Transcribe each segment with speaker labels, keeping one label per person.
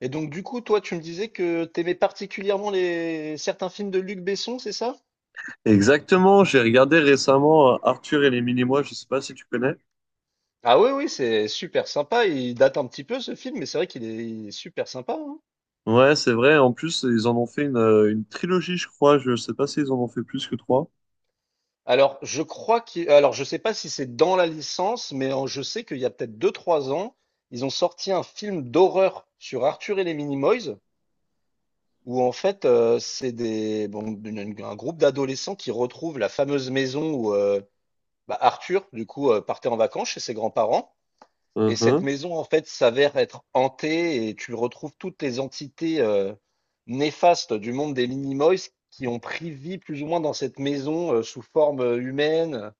Speaker 1: Et donc, du coup, toi, tu me disais que t'aimais particulièrement les certains films de Luc Besson, c'est ça?
Speaker 2: Exactement, j'ai regardé récemment Arthur et les Minimois, je sais pas si tu connais.
Speaker 1: Ah oui, oui, c'est super sympa. Il date un petit peu ce film, mais c'est vrai qu'il est super sympa, hein.
Speaker 2: Ouais, c'est vrai, en plus, ils en ont fait une trilogie, je crois, je sais pas s'ils en ont fait plus que trois.
Speaker 1: Alors, je sais pas si c'est dans la licence, mais je sais qu'il y a peut-être 2, 3 ans, ils ont sorti un film d'horreur sur Arthur et les Minimoys, où en fait, c'est des, bon, un groupe d'adolescents qui retrouvent la fameuse maison où bah, Arthur, du coup, partait en vacances chez ses grands-parents. Et cette
Speaker 2: Mhm.
Speaker 1: maison, en fait, s'avère être hantée et tu retrouves toutes les entités néfastes du monde des Minimoys qui ont pris vie plus ou moins dans cette maison sous forme humaine.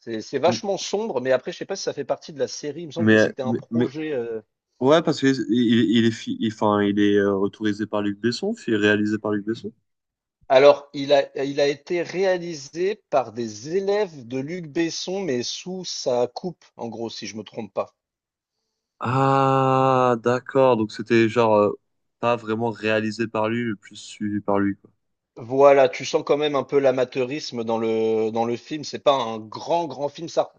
Speaker 1: C'est
Speaker 2: M-
Speaker 1: vachement sombre, mais après, je sais pas si ça fait partie de la série. Il me semble que
Speaker 2: Mais,
Speaker 1: c'était un
Speaker 2: mais, mais-
Speaker 1: projet,
Speaker 2: ouais, parce qu'il il est, enfin, il est autorisé par Luc Besson, réalisé par Luc Besson.
Speaker 1: Alors, il a été réalisé par des élèves de Luc Besson, mais sous sa coupe, en gros, si je me trompe pas.
Speaker 2: Ah, d'accord, donc c'était genre pas vraiment réalisé par lui, mais plus suivi par lui, quoi.
Speaker 1: Voilà, tu sens quand même un peu l'amateurisme dans le film. C'est pas un grand, grand film. Ça,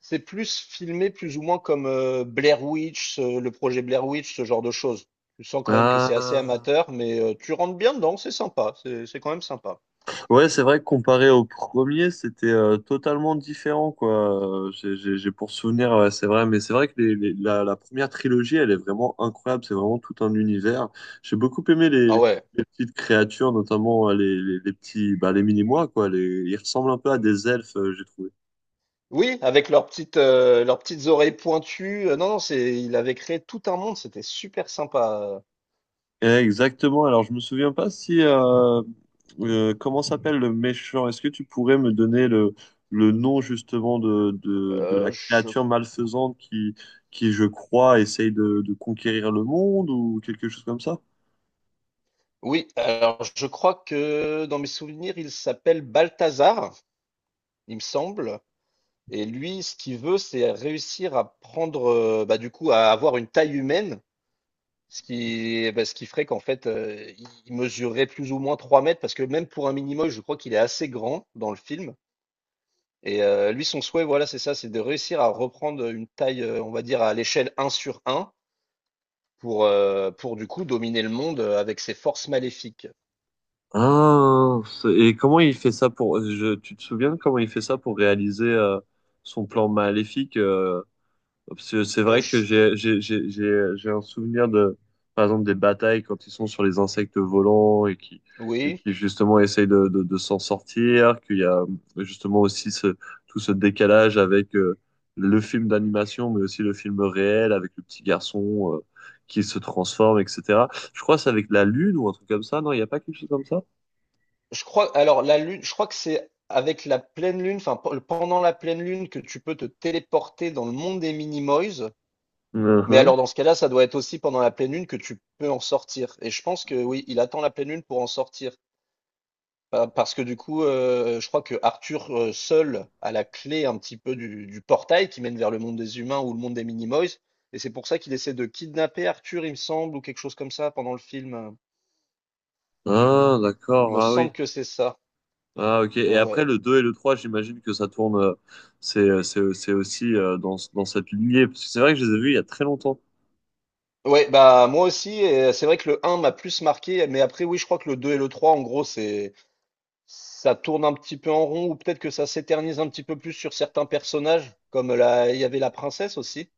Speaker 1: c'est plus filmé plus ou moins comme Blair Witch, le projet Blair Witch, ce genre de choses. Tu sens quand même que c'est assez
Speaker 2: Ah.
Speaker 1: amateur, mais tu rentres bien dedans, c'est sympa. C'est quand même sympa.
Speaker 2: Ouais, c'est vrai que comparé au premier, c'était totalement différent, quoi. J'ai pour souvenir, ouais, c'est vrai, mais c'est vrai que la première trilogie, elle est vraiment incroyable. C'est vraiment tout un univers. J'ai beaucoup aimé
Speaker 1: Ah ouais.
Speaker 2: les petites créatures, notamment les petits, bah, les mini-mois, quoi. Les, ils ressemblent un peu à des elfes, j'ai trouvé.
Speaker 1: Oui, avec leurs petites oreilles pointues. Non, non, c'est, il avait créé tout un monde. C'était super sympa.
Speaker 2: Exactement. Alors, je me souviens pas si comment s'appelle le méchant. Est-ce que tu pourrais me donner le nom justement de
Speaker 1: Euh,
Speaker 2: la
Speaker 1: je,
Speaker 2: créature malfaisante qui, je crois, essaye de conquérir le monde ou quelque chose comme ça?
Speaker 1: oui, alors je crois que dans mes souvenirs, il s'appelle Balthazar, il me semble. Et lui, ce qu'il veut, c'est réussir à prendre, bah, du coup, à avoir une taille humaine, ce qui ferait qu'en fait, il mesurerait plus ou moins 3 mètres, parce que même pour un mini-moche, je crois qu'il est assez grand dans le film. Et lui, son souhait, voilà, c'est ça, c'est de réussir à reprendre une taille, on va dire, à l'échelle un sur un, pour du coup dominer le monde avec ses forces maléfiques.
Speaker 2: Ah, et comment il fait ça pour... tu te souviens de comment il fait ça pour réaliser son plan maléfique? Parce que c'est
Speaker 1: Euh,
Speaker 2: vrai que
Speaker 1: je-
Speaker 2: j'ai un souvenir de par exemple des batailles quand ils sont sur les insectes volants et
Speaker 1: Oui.
Speaker 2: qui justement essayent de s'en sortir, qu'il y a justement aussi ce tout ce décalage avec le film d'animation mais aussi le film réel avec le petit garçon qui se transforme etc. Je crois que c'est avec la lune ou un truc comme ça, non, il n'y a pas quelque chose comme ça?
Speaker 1: Je crois, alors la lune, je crois que c'est avec la pleine lune, enfin pendant la pleine lune que tu peux te téléporter dans le monde des Minimoys. Mais
Speaker 2: Mhm.
Speaker 1: alors dans ce cas-là, ça doit être aussi pendant la pleine lune que tu peux en sortir. Et je pense que oui, il attend la pleine lune pour en sortir. Parce que du coup, je crois que Arthur seul a la clé un petit peu du portail qui mène vers le monde des humains ou le monde des Minimoys. Et c'est pour ça qu'il essaie de kidnapper Arthur, il me semble, ou quelque chose comme ça pendant le film.
Speaker 2: Ah
Speaker 1: Il
Speaker 2: d'accord,
Speaker 1: me
Speaker 2: ah
Speaker 1: semble
Speaker 2: oui.
Speaker 1: que c'est ça.
Speaker 2: Ah, ok.
Speaker 1: Ouais,
Speaker 2: Et
Speaker 1: ouais.
Speaker 2: après, le 2 et le 3 j'imagine que ça tourne. C'est aussi dans cette lignée. Parce que c'est vrai que je les ai vus il y a très longtemps.
Speaker 1: Ouais, bah moi aussi, et c'est vrai que le un m'a plus marqué, mais après oui, je crois que le 2 et le 3, en gros, c'est ça tourne un petit peu en rond, ou peut-être que ça s'éternise un petit peu plus sur certains personnages, comme la... il y avait la princesse aussi.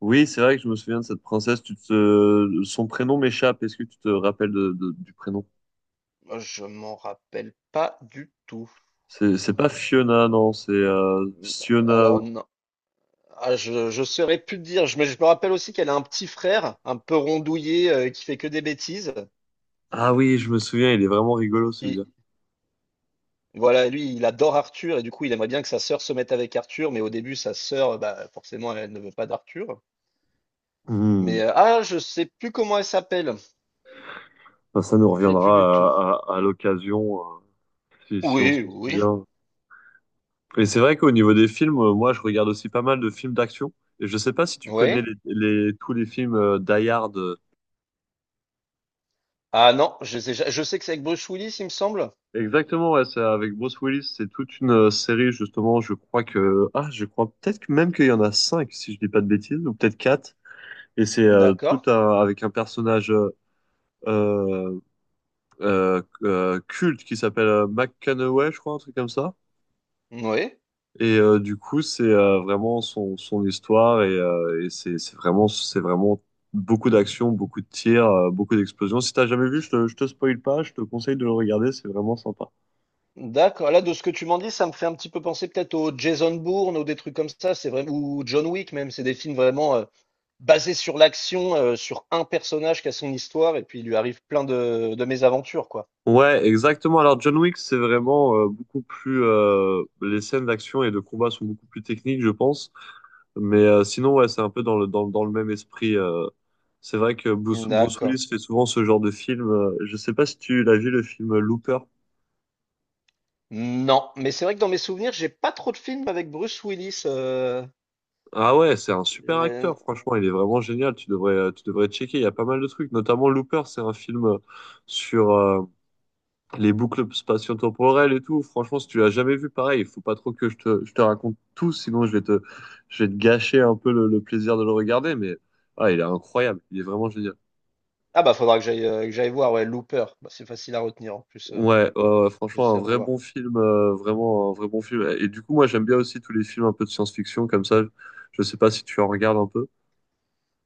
Speaker 2: Oui, c'est vrai que je me souviens de cette princesse. Tu te... Son prénom m'échappe. Est-ce que tu te rappelles du prénom?
Speaker 1: Je m'en rappelle pas du tout.
Speaker 2: C'est pas Fiona, non. C'est Fiona.
Speaker 1: Alors non. Je saurais plus te dire, mais je me rappelle aussi qu'elle a un petit frère, un peu rondouillé, qui fait que des bêtises,
Speaker 2: Ah oui, je me souviens. Il est vraiment rigolo,
Speaker 1: qui
Speaker 2: celui-là.
Speaker 1: voilà, lui, il adore Arthur, et du coup, il aimerait bien que sa sœur se mette avec Arthur, mais au début, sa sœur, bah forcément, elle ne veut pas d'Arthur.
Speaker 2: Hmm.
Speaker 1: Mais je sais plus comment elle s'appelle.
Speaker 2: Enfin, ça nous
Speaker 1: Je sais plus du tout.
Speaker 2: reviendra à l'occasion, si, si on
Speaker 1: Oui,
Speaker 2: s'en
Speaker 1: oui.
Speaker 2: souvient. Et c'est vrai qu'au niveau des films, moi, je regarde aussi pas mal de films d'action. Et je sais pas si tu connais
Speaker 1: Oui.
Speaker 2: tous les films Die Hard.
Speaker 1: Ah non, je sais que c'est avec Bruce Willis, il me semble.
Speaker 2: Exactement, ouais, c'est avec Bruce Willis. C'est toute une série, justement. Je crois que, ah, je crois peut-être que même qu'il y en a cinq, si je dis pas de bêtises, ou peut-être quatre. Et c'est
Speaker 1: D'accord.
Speaker 2: avec un personnage culte qui s'appelle McConaughey, je crois, un truc comme ça.
Speaker 1: Oui.
Speaker 2: Et du coup, c'est vraiment son, son histoire et c'est vraiment, c'est vraiment beaucoup d'action, beaucoup de tirs, beaucoup d'explosions. Si t'as jamais vu, je te spoil pas, je te conseille de le regarder, c'est vraiment sympa.
Speaker 1: D'accord. Là, de ce que tu m'en dis, ça me fait un petit peu penser peut-être au Jason Bourne ou des trucs comme ça. C'est vraiment ou John Wick même. C'est des films vraiment basés sur l'action, sur un personnage qui a son histoire et puis il lui arrive plein de mésaventures, quoi.
Speaker 2: Ouais, exactement. Alors John Wick, c'est vraiment beaucoup plus... les scènes d'action et de combat sont beaucoup plus techniques, je pense. Mais sinon, ouais, c'est un peu dans dans le même esprit. C'est vrai que Bruce
Speaker 1: D'accord.
Speaker 2: Willis fait souvent ce genre de film. Je sais pas si tu l'as vu, le film Looper.
Speaker 1: Non, mais c'est vrai que dans mes souvenirs, j'ai pas trop de films avec Bruce Willis,
Speaker 2: Ah ouais, c'est un super
Speaker 1: euh,
Speaker 2: acteur, franchement, il est vraiment génial, tu devrais checker, il y a pas mal de trucs, notamment Looper, c'est un film sur les boucles spatio-temporelles et tout, franchement, si tu l'as jamais vu, pareil, il faut pas trop que je te raconte tout, sinon je vais je vais te gâcher un peu le plaisir de le regarder, mais ah, il est incroyable, il est vraiment génial.
Speaker 1: ah bah faudra que j'aille voir, ouais, Looper. Bah, c'est facile à retenir en plus,
Speaker 2: Ouais, franchement, un
Speaker 1: j'essaie de
Speaker 2: vrai
Speaker 1: revoir.
Speaker 2: bon film, vraiment un vrai bon film, et du coup, moi, j'aime bien aussi tous les films un peu de science-fiction, comme ça, je sais pas si tu en regardes un peu.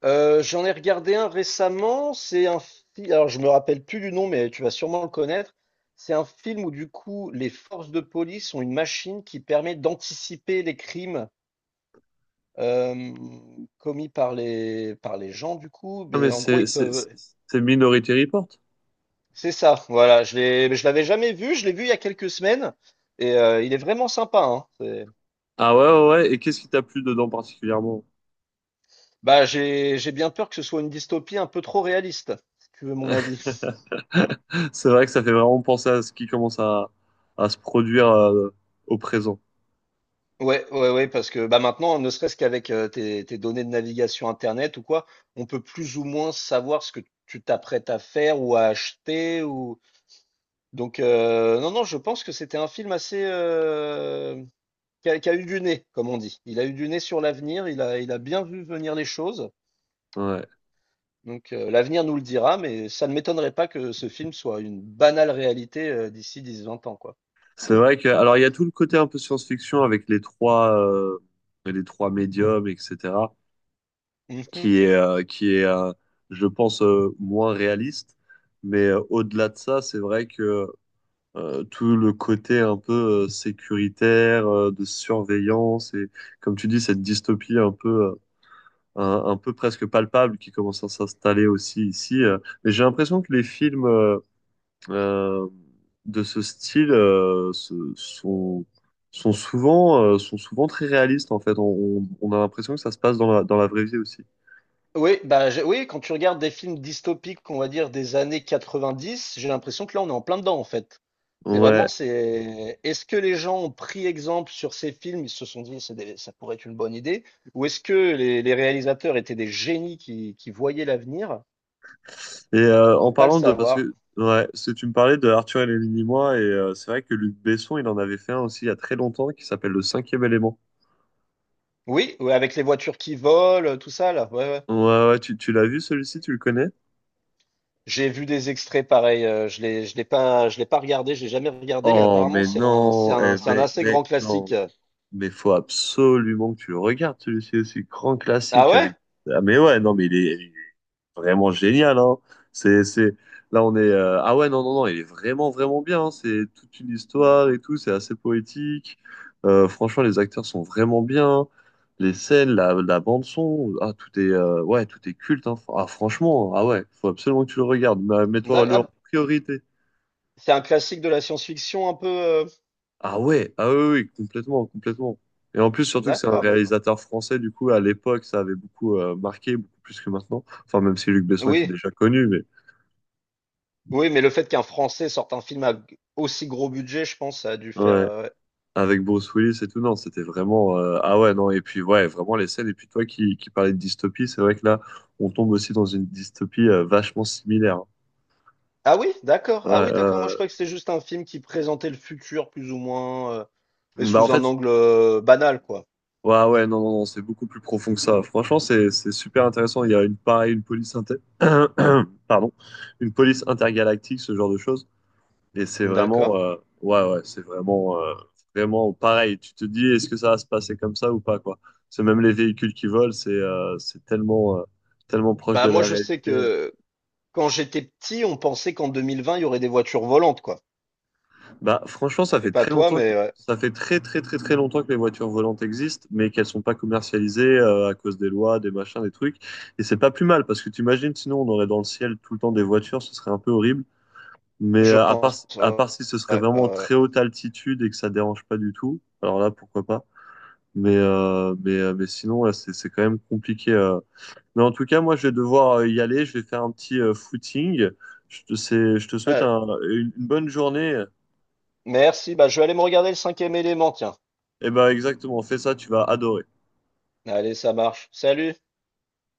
Speaker 1: J'en ai regardé un récemment, c'est un film, alors je me rappelle plus du nom, mais tu vas sûrement le connaître. C'est un film où du coup les forces de police ont une machine qui permet d'anticiper les crimes euh, commis par les gens du coup,
Speaker 2: Ah, mais
Speaker 1: mais en gros ils peuvent.
Speaker 2: c'est Minority Report.
Speaker 1: C'est ça, voilà, je l'avais jamais vu, je l'ai vu il y a quelques semaines et il est vraiment sympa, hein. C'est-
Speaker 2: Ah ouais, ouais, ouais. Et qu'est-ce qui t'a plu dedans particulièrement?
Speaker 1: Bah, j'ai bien peur que ce soit une dystopie un peu trop réaliste, si tu veux mon avis.
Speaker 2: C'est vrai que ça fait vraiment penser à ce qui commence à se produire au présent.
Speaker 1: Ouais, ouais, ouais, parce que bah maintenant, ne serait-ce qu'avec tes données de navigation internet ou quoi, on peut plus ou moins savoir ce que tu t'apprêtes à faire ou à acheter ou donc non, non, je pense que c'était un film assez qui a eu du nez, comme on dit. Il a eu du nez sur l'avenir, il a bien vu venir les choses.
Speaker 2: Ouais.
Speaker 1: Donc l'avenir nous le dira, mais ça ne m'étonnerait pas que ce film soit une banale réalité d'ici 10 20 ans, quoi.
Speaker 2: C'est vrai que, alors il y a tout le côté un peu science-fiction avec les trois médiums, etc.,
Speaker 1: Mhm.
Speaker 2: qui est, moins réaliste. Mais au-delà de ça, c'est vrai que tout le côté un peu sécuritaire, de surveillance et, comme tu dis, cette dystopie un peu. Un peu presque palpable qui commence à s'installer aussi ici. Mais j'ai l'impression que les films euh, de ce style sont, sont souvent très réalistes en fait. On a l'impression que ça se passe dans dans la vraie vie aussi.
Speaker 1: Oui, oui, quand tu regardes des films dystopiques, on va dire des années 90, j'ai l'impression que là, on est en plein dedans, en fait. C'est
Speaker 2: Ouais.
Speaker 1: vraiment, c'est, est-ce que les gens ont pris exemple sur ces films, ils se sont dit, ça pourrait être une bonne idée, ou est-ce que les réalisateurs étaient des génies qui voyaient l'avenir?
Speaker 2: Et
Speaker 1: On
Speaker 2: en
Speaker 1: peut pas le
Speaker 2: parlant de... Parce
Speaker 1: savoir.
Speaker 2: que ouais, c'est tu me parlais de Arthur et les Minimois, et c'est vrai que Luc Besson, il en avait fait un aussi il y a très longtemps qui s'appelle Le Cinquième Élément.
Speaker 1: Oui, ouais, avec les voitures qui volent, tout ça, là. Ouais, ouais.
Speaker 2: Ouais, ouais, tu l'as vu celui-ci, tu le connais?
Speaker 1: J'ai vu des extraits pareils, je l'ai pas regardé, je l'ai jamais regardé, mais
Speaker 2: Oh,
Speaker 1: apparemment,
Speaker 2: mais non, eh,
Speaker 1: c'est un assez
Speaker 2: mais
Speaker 1: grand classique.
Speaker 2: non. Mais faut absolument que tu le regardes, celui-ci aussi. Grand
Speaker 1: Ah
Speaker 2: classique
Speaker 1: ouais?
Speaker 2: avec. Ah, mais ouais, non, mais il est vraiment génial, hein. C'est... Là, on est. Ah ouais, non, non, non, il est vraiment, vraiment bien. Hein. C'est toute une histoire et tout. C'est assez poétique. Franchement, les acteurs sont vraiment bien. Les scènes, la bande-son, ah, tout est, ouais, tout est culte. Hein. Ah, franchement, ah ouais, faut absolument que tu le regardes. Mets-toi le en priorité.
Speaker 1: C'est un classique de la science-fiction un peu, heu?
Speaker 2: Ah ouais, ah oui, oui, complètement, complètement. Et en plus, surtout que c'est un
Speaker 1: D'accord, bah, enfin
Speaker 2: réalisateur français, du coup, à l'époque, ça avait beaucoup marqué, beaucoup plus que maintenant. Enfin, même si Luc Besson était
Speaker 1: oui,
Speaker 2: déjà connu, mais
Speaker 1: oui, mais le fait qu'un Français sorte un film à g aussi gros budget, je pense ça a dû faire,
Speaker 2: ouais,
Speaker 1: ouais.
Speaker 2: avec Bruce Willis et tout, non, c'était vraiment... ah ouais, non, et puis ouais, vraiment les scènes. Et puis toi qui parlais de dystopie, c'est vrai que là, on tombe aussi dans une dystopie vachement similaire. Hein.
Speaker 1: Ah oui? D'accord,
Speaker 2: Ouais,
Speaker 1: ah oui, d'accord, moi je croyais que c'était juste un film qui présentait le futur plus ou moins, mais
Speaker 2: bah en
Speaker 1: sous un
Speaker 2: fait,
Speaker 1: angle, banal, quoi.
Speaker 2: ouais, ouais, non, non, non, c'est beaucoup plus profond que ça. Franchement, c'est super intéressant. Il y a une, pareil, une police inter... Pardon. Une police intergalactique, ce genre de choses. Et c'est
Speaker 1: D'accord.
Speaker 2: vraiment, ouais, ouais, c'est vraiment, vraiment pareil. Tu te dis, est-ce que ça va se passer comme ça ou pas, quoi? C'est même les véhicules qui volent, c'est tellement, tellement proche
Speaker 1: Bah,
Speaker 2: de
Speaker 1: moi
Speaker 2: la
Speaker 1: je sais
Speaker 2: réalité.
Speaker 1: que quand j'étais petit, on pensait qu'en 2020 il y aurait des voitures volantes, quoi.
Speaker 2: Bah, franchement, ça
Speaker 1: Je sais
Speaker 2: fait
Speaker 1: pas
Speaker 2: très
Speaker 1: toi,
Speaker 2: longtemps que,
Speaker 1: mais ouais,
Speaker 2: ça fait très très très très longtemps que les voitures volantes existent, mais qu'elles sont pas commercialisées à cause des lois, des machins, des trucs. Et c'est pas plus mal parce que tu imagines, sinon on aurait dans le ciel tout le temps des voitures, ce serait un peu horrible. Mais
Speaker 1: je pense, ouais,
Speaker 2: à part si ce serait
Speaker 1: ouais, ouais,
Speaker 2: vraiment
Speaker 1: ouais.
Speaker 2: très haute altitude et que ça dérange pas du tout, alors là pourquoi pas. Mais sinon là c'est quand même compliqué. Mais en tout cas, moi je vais devoir y aller, je vais faire un petit footing. Je te souhaite une bonne journée.
Speaker 1: Merci, bah, je vais aller me regarder «Le cinquième élément», tiens.
Speaker 2: Et ben exactement, fais ça, tu vas adorer.
Speaker 1: Allez, ça marche. Salut!